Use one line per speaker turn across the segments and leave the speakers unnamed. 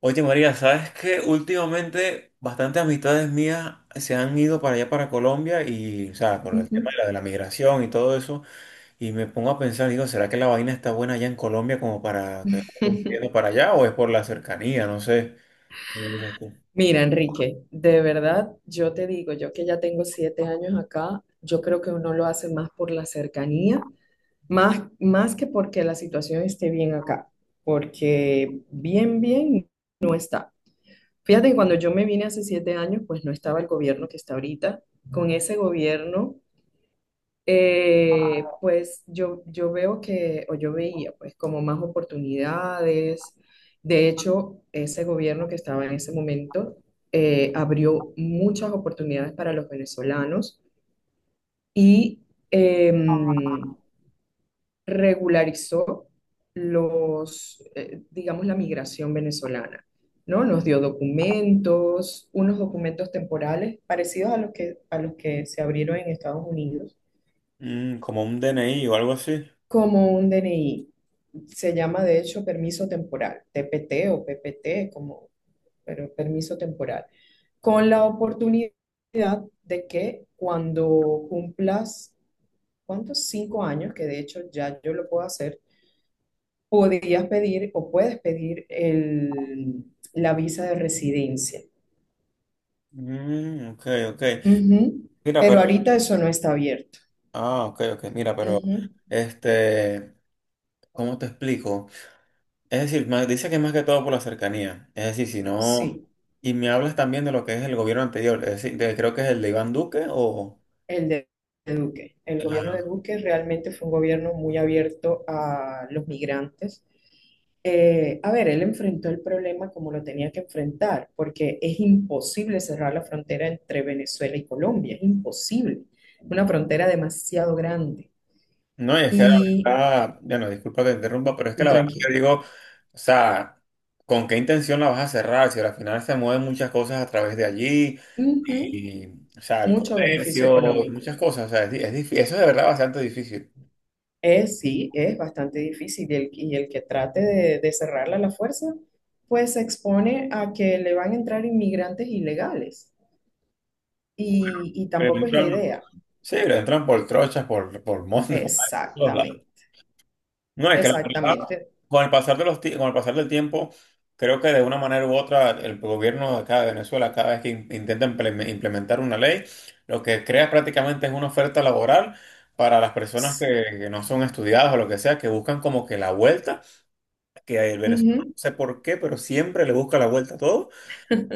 Oye María, ¿sabes qué? Últimamente bastantes amistades mías se han ido para allá, para Colombia, y, o sea, por el tema
Ujú.
de la migración y todo eso, y me pongo a pensar, digo, ¿será que la vaina está buena allá en Colombia como para que yendo para allá o es por la cercanía? No sé.
Mira, Enrique, de verdad, yo te digo, yo que ya tengo 7 años acá, yo creo que uno lo hace más por la cercanía, más que porque la situación esté bien acá, porque bien, bien, fíjate que cuando yo me vine hace 7 años, pues no estaba el gobierno que está ahorita, con ese gobierno. Pues yo veo que, o yo veía, pues como más oportunidades. De hecho, ese gobierno que estaba en ese momento abrió muchas oportunidades para los venezolanos y em, regularizó los, digamos, la migración venezolana, ¿no? Nos dio documentos, unos documentos temporales parecidos a los que se abrieron en Estados Unidos
Mm, como un DNI o algo así.
como un DNI. Se llama de hecho permiso temporal, TPT o PPT, como, pero permiso temporal, con la oportunidad de que cuando cumplas, ¿cuántos? 5 años, que de hecho ya yo lo puedo hacer, podrías pedir o puedes pedir el, la visa de residencia.
Mm, ok, ok.
Ujú.
Mira,
Pero
pero,
ahorita eso no está abierto.
ah, ok, ok, mira, pero,
Ujú.
este, ¿cómo te explico? Es decir, dice que más que todo por la cercanía. Es decir, si no.
Sí.
Y me hablas también de lo que es el gobierno anterior. Es decir, creo que es el de Iván Duque o.
El de Duque. El gobierno de
Ah,
Duque realmente fue un gobierno muy abierto a los migrantes. A ver, él enfrentó el problema como lo tenía que enfrentar, porque es imposible cerrar la frontera entre Venezuela y Colombia, es imposible. Una frontera demasiado grande
no, y es que la
y
verdad. Bueno, disculpa que te interrumpa, pero es que la verdad que
tranquilo.
digo. O sea, ¿con qué intención la vas a cerrar? Si al final se mueven muchas cosas a través de allí.
Ujú.
Y, o sea, el
Mucho beneficio
comercio,
económico.
muchas cosas. O sea, es, di- es difí- eso es de verdad bastante difícil.
Es, sí, es bastante difícil y el que trate de cerrarla a la fuerza, pues se expone a que le van a entrar inmigrantes ilegales y
Pero
tampoco es la
entran-
idea.
sí, le entran por trochas, por montes, por todos lados.
Exactamente,
No, es que la verdad.
exactamente.
Con el pasar del tiempo, creo que de una manera u otra el gobierno de acá de Venezuela, cada vez que intenta implementar una ley, lo que crea prácticamente es una oferta laboral para las personas
Sí.
que no son estudiadas o lo que sea, que buscan como que la vuelta, que el venezolano no
Ujú.
sé por qué, pero siempre le busca la vuelta a todo.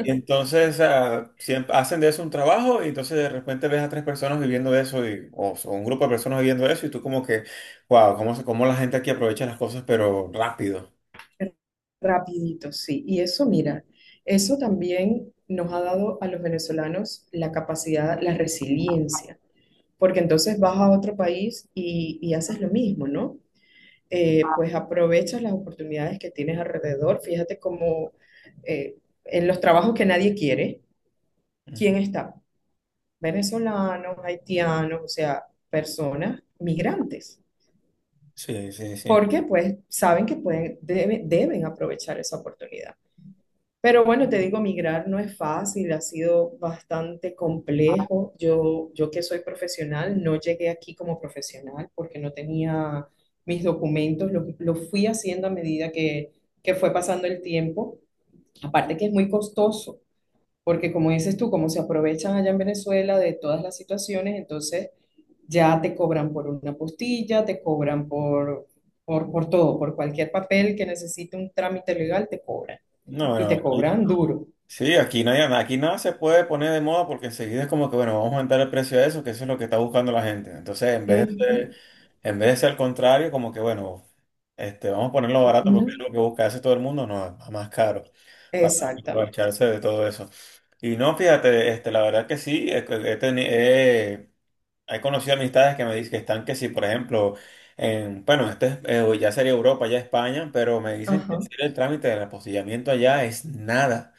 Y entonces ah, siempre hacen de eso un trabajo y entonces de repente ves a tres personas viviendo de eso y, o un grupo de personas viviendo de eso y tú como que, wow, cómo, cómo la gente aquí aprovecha las cosas pero rápido.
Rapidito, sí. Y eso, mira, eso también nos ha dado a los venezolanos la capacidad, la resiliencia, porque entonces vas a otro país y haces lo mismo, ¿no? Pues aprovechas las oportunidades que tienes alrededor. Fíjate cómo eh, en los trabajos que nadie quiere, ¿quién está? Venezolanos, haitianos, o sea, personas migrantes.
Sí, sí, sí.
Porque pues saben que pueden, deben aprovechar esa oportunidad. Pero bueno, te digo, migrar no es fácil, ha sido bastante complejo. Yo que soy profesional, no llegué aquí como profesional porque no tenía mis documentos, lo fui haciendo a medida que fue pasando el tiempo. Aparte que es muy costoso, porque como dices tú, como se aprovechan allá en Venezuela de todas las situaciones, entonces ya te cobran por una postilla, te cobran por todo, por cualquier papel que necesite un trámite legal, te cobran
No,
y
bueno,
te cobran duro.
sí, aquí no hay, aquí nada se puede poner de moda porque enseguida es como que, bueno, vamos a aumentar el precio de eso, que eso es lo que está buscando la gente. Entonces, en vez de
Ujú.
ser, en vez de ser al contrario, como que, bueno, vamos a ponerlo barato porque
No,
es lo que busca hace todo el mundo, no, a más caro, para
exactamente.
aprovecharse de todo eso. Y no, fíjate, la verdad que sí, he conocido amistades que me dicen que están que sí, por ejemplo, bueno, ya sería Europa, ya España, pero me dicen que
Ajá.
hacer el trámite del apostillamiento allá es nada.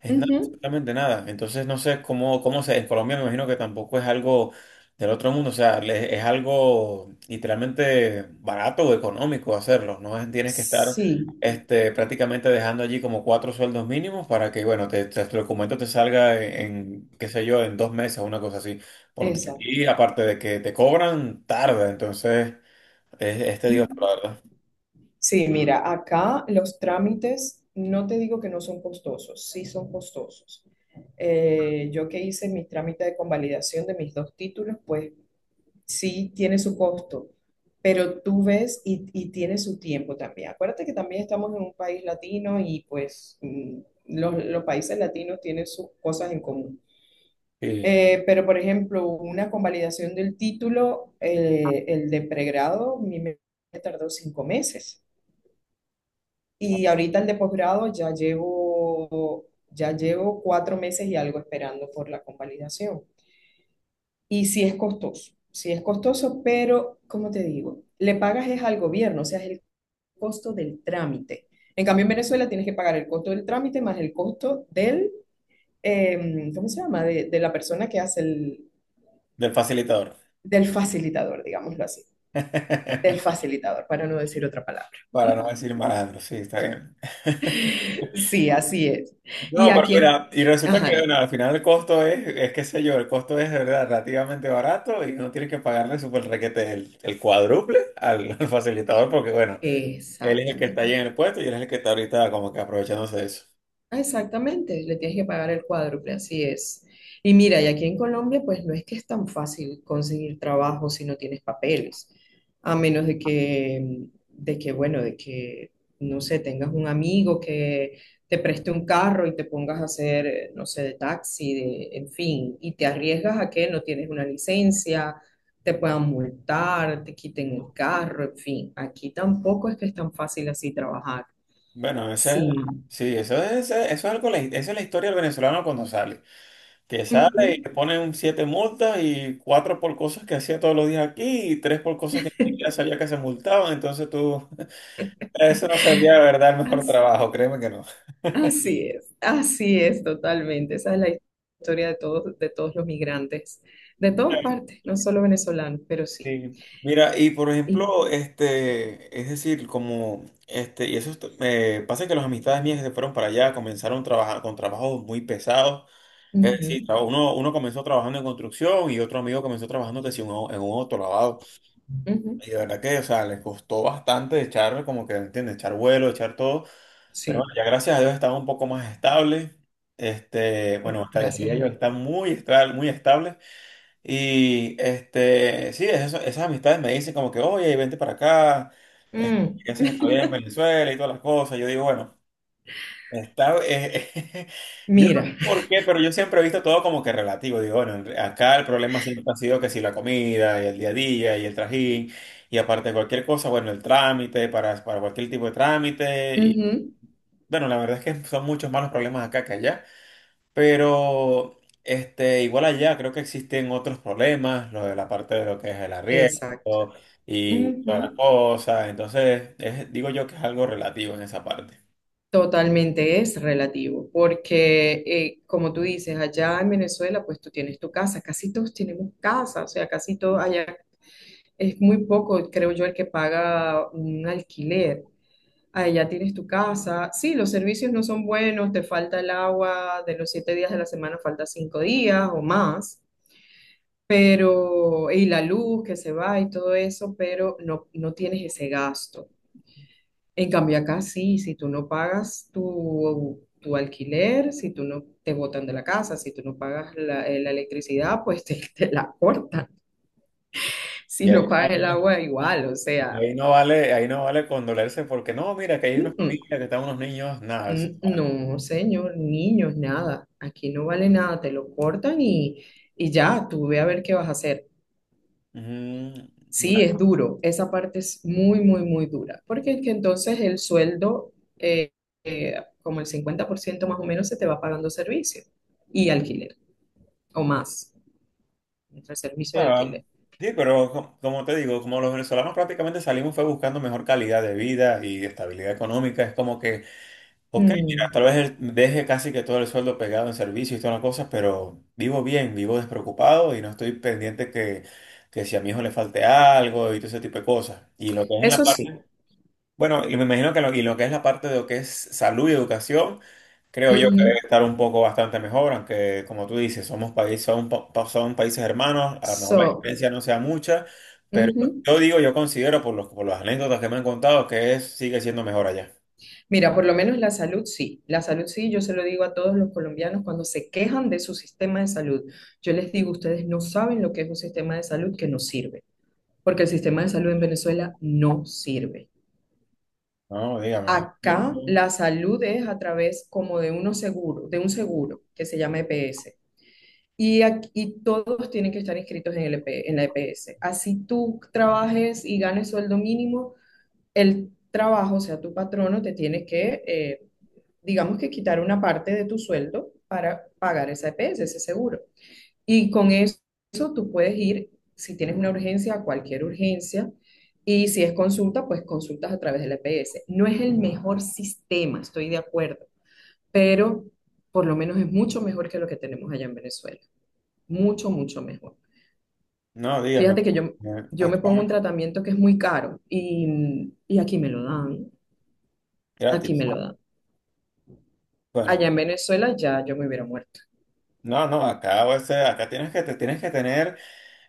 Es nada,
Ujú.
absolutamente nada. Entonces no sé cómo, cómo se, en Colombia me imagino que tampoco es algo del otro mundo, o sea, es algo literalmente barato o económico hacerlo, no es, tienes que estar
Sí,
prácticamente dejando allí como cuatro sueldos mínimos para que, bueno, tu documento te salga en, qué sé yo, en dos meses o una cosa así, porque
exacto.
y aparte de que te cobran, tarda, entonces es tedioso, la
Ujú.
verdad.
Sí, mira, acá los trámites, no te digo que no son costosos, sí son costosos. Yo que hice mi trámite de convalidación de mis dos títulos, pues sí tiene su costo, pero tú ves y tiene su tiempo también. Acuérdate que también estamos en un país latino y pues los países latinos tienen sus cosas en común.
Sí,
Pero, por ejemplo, una convalidación del título, el de pregrado, a mí me tardó 5 meses. Y ahorita el de posgrado ya llevo 4 meses y algo esperando por la convalidación. Y sí es costoso, pero, como te digo, le pagas es al gobierno, o sea, es el costo del trámite. En cambio, en Venezuela tienes que pagar el costo del trámite más el costo del, ¿cómo se llama? De la persona que hace el,
del facilitador,
del facilitador, digámoslo así. Del facilitador, para no decir otra palabra.
para no decir malandro, sí, está bien.
Sí, así es. Y
No,
a
pero
quién,
mira, y resulta que
ajá, dime.
bueno, al final el costo es qué sé yo, el costo es de verdad relativamente barato y no tienes que pagarle super requete el cuádruple al facilitador porque bueno, él es el que está allí
Exactamente.
en el puesto y él es el que está ahorita como que aprovechándose de eso.
Ah, exactamente, le tienes que pagar el cuádruple, así es. Y mira, y aquí en Colombia, pues no es que es tan fácil conseguir trabajo si no tienes papeles, a menos de que, bueno, de que, no sé, tengas un amigo que te preste un carro y te pongas a hacer, no sé, de taxi, en fin, y te arriesgas a que no tienes una licencia, te puedan multar, te quiten el carro, en fin, aquí tampoco es que es tan fácil así trabajar.
Bueno, ese,
Sí.
sí, eso es algo, esa es la historia del venezolano cuando sale, que sale y
Ujú.
te ponen siete multas y cuatro por cosas que hacía todos los días aquí y tres por cosas que ni siquiera sabía que se multaban, entonces tú, eso no sería de verdad el mejor trabajo, créeme que no.
Así es totalmente. Esa es la historia de todos los migrantes, de todas partes, no solo venezolanos, pero sí.
Sí. Mira, y por
Y,
ejemplo, es decir, como, y eso pasa que las amistades mías que se fueron para allá comenzaron trabajar con trabajos muy pesados. Es
ujú,
decir, uno comenzó trabajando en construcción y otro amigo comenzó trabajando que sí, en un autolavado.
ujú,
Y de verdad que, o sea, les costó bastante echar, como que, ¿entiendes? Echar vuelo, echar todo. Pero bueno,
sí,
ya gracias a Dios estaba un poco más estable. Bueno, hasta
gracias
diría
a
yo,
Dios.
está muy, muy estable. Y sí, esas amistades me dicen como que, oye, vente para acá, eh,
Mm,
¿qué haces todavía en Venezuela y todas las cosas? Yo digo, bueno, está, eh, yo no
mira,
sé por qué, pero yo siempre he visto todo como que relativo. Digo, bueno, acá el problema siempre ha sido que si la comida y el día a día y el trajín y aparte de cualquier cosa, bueno, el trámite para cualquier tipo de trámite. Y
ujú,
bueno, la verdad es que son muchos más los problemas acá que allá. Pero igual allá creo que existen otros problemas, lo de la parte de lo que es el
exacto.
arriendo y todas las
Ujú.
cosas. Entonces, digo yo que es algo relativo en esa parte.
Totalmente es relativo, porque como tú dices, allá en Venezuela, pues tú tienes tu casa, casi todos tenemos casa, o sea, casi todos allá, es muy poco, creo yo, el que paga un alquiler. Ahí ya tienes tu casa. Sí, los servicios no son buenos, te falta el agua, de los 7 días de la semana falta 5 días o más, pero, y la luz que se va y todo eso, pero no, no tienes ese gasto. En cambio, acá sí, si tú no pagas tu alquiler, si tú no te botan de la casa, si tú no pagas la electricidad, pues te la cortan. Si
Y ahí,
no pagas el agua, igual, o
no vale,
sea.
ahí no vale, ahí no vale condolerse porque no, mira, que hay una
Mm, mm.
familia, que están unos niños, nada, eso
Mm,
no vale.
no, señor, niños, nada. Aquí no vale nada, te lo cortan y ya, tú ve a ver qué vas a hacer.
Mm,
Sí,
bueno,
es duro, esa parte es muy, muy, muy dura, porque es que entonces el sueldo, como el 50% más o menos, se te va pagando servicio y alquiler, o más, entre
o
servicio y
sea,
alquiler.
sí, pero como te digo, como los venezolanos prácticamente salimos fue buscando mejor calidad de vida y estabilidad económica, es como que ok, mira,
Mm,
tal vez deje casi que todo el sueldo pegado en servicio y todas las cosas, pero vivo bien, vivo despreocupado y no estoy pendiente que si a mi hijo le falte algo y todo ese tipo de cosas. Y lo que es en la
eso sí.
parte, bueno, y me imagino que lo, y lo que es la parte de lo que es salud y educación, creo yo que debe
Ujú.
estar un poco bastante mejor, aunque como tú dices, somos países, son países hermanos, a lo mejor la
So,
diferencia no sea mucha, pero
ujú.
yo digo, yo considero por las anécdotas que me han contado que es, sigue siendo mejor allá.
Mira, por lo menos la salud sí, yo se lo digo a todos los colombianos cuando se quejan de su sistema de salud. Yo les digo, ustedes no saben lo que es un sistema de salud que no sirve, porque el sistema de salud en Venezuela no sirve.
No, dígame.
Acá
¿Eh?
la salud es a través como de unos seguros, de un seguro que se llama EPS. Y aquí todos tienen que estar inscritos en el EP en la EPS. Así tú trabajes y ganes sueldo mínimo, el trabajo, o sea, tu patrono te tiene que digamos que quitar una parte de tu sueldo para pagar esa EPS, ese seguro. Y con eso tú puedes ir, si tienes una urgencia, a cualquier urgencia. Y si es consulta, pues consultas a través de la EPS. No es el mejor sistema, estoy de acuerdo, pero por lo menos es mucho mejor que lo que tenemos allá en Venezuela. Mucho, mucho mejor.
No, dígame,
Fíjate que yo, yo me
acá
pongo un tratamiento que es muy caro y aquí me lo dan, aquí
gratis.
me lo dan.
Bueno,
Allá en Venezuela ya yo me hubiera muerto.
no, no, acá, acá te tienes que tener,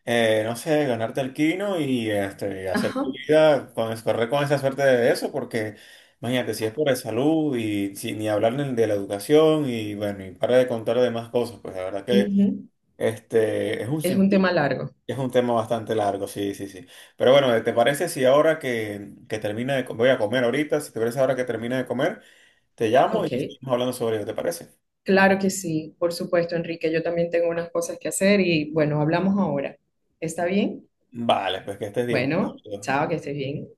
no sé, ganarte el quino y hacer
Ajá.
tu vida, con, correr con esa suerte de eso, porque imagínate, si es por la salud y ni hablar ni de la educación y bueno, y para de contar de más cosas, pues la verdad que
Ujú.
es un
Es un
sinfín,
tema largo.
es un tema bastante largo, sí, sí, sí. Pero bueno, ¿te parece si ahora que termina voy a comer ahorita, si te parece ahora que termina de comer? Te llamo y
Ok,
seguimos hablando sobre ello, ¿te parece?
claro que sí, por supuesto, Enrique. Yo también tengo unas cosas que hacer y bueno, hablamos ahora. ¿Está bien?
Vale, pues que estés bien.
Bueno,
Pablo.
chao, que estés bien.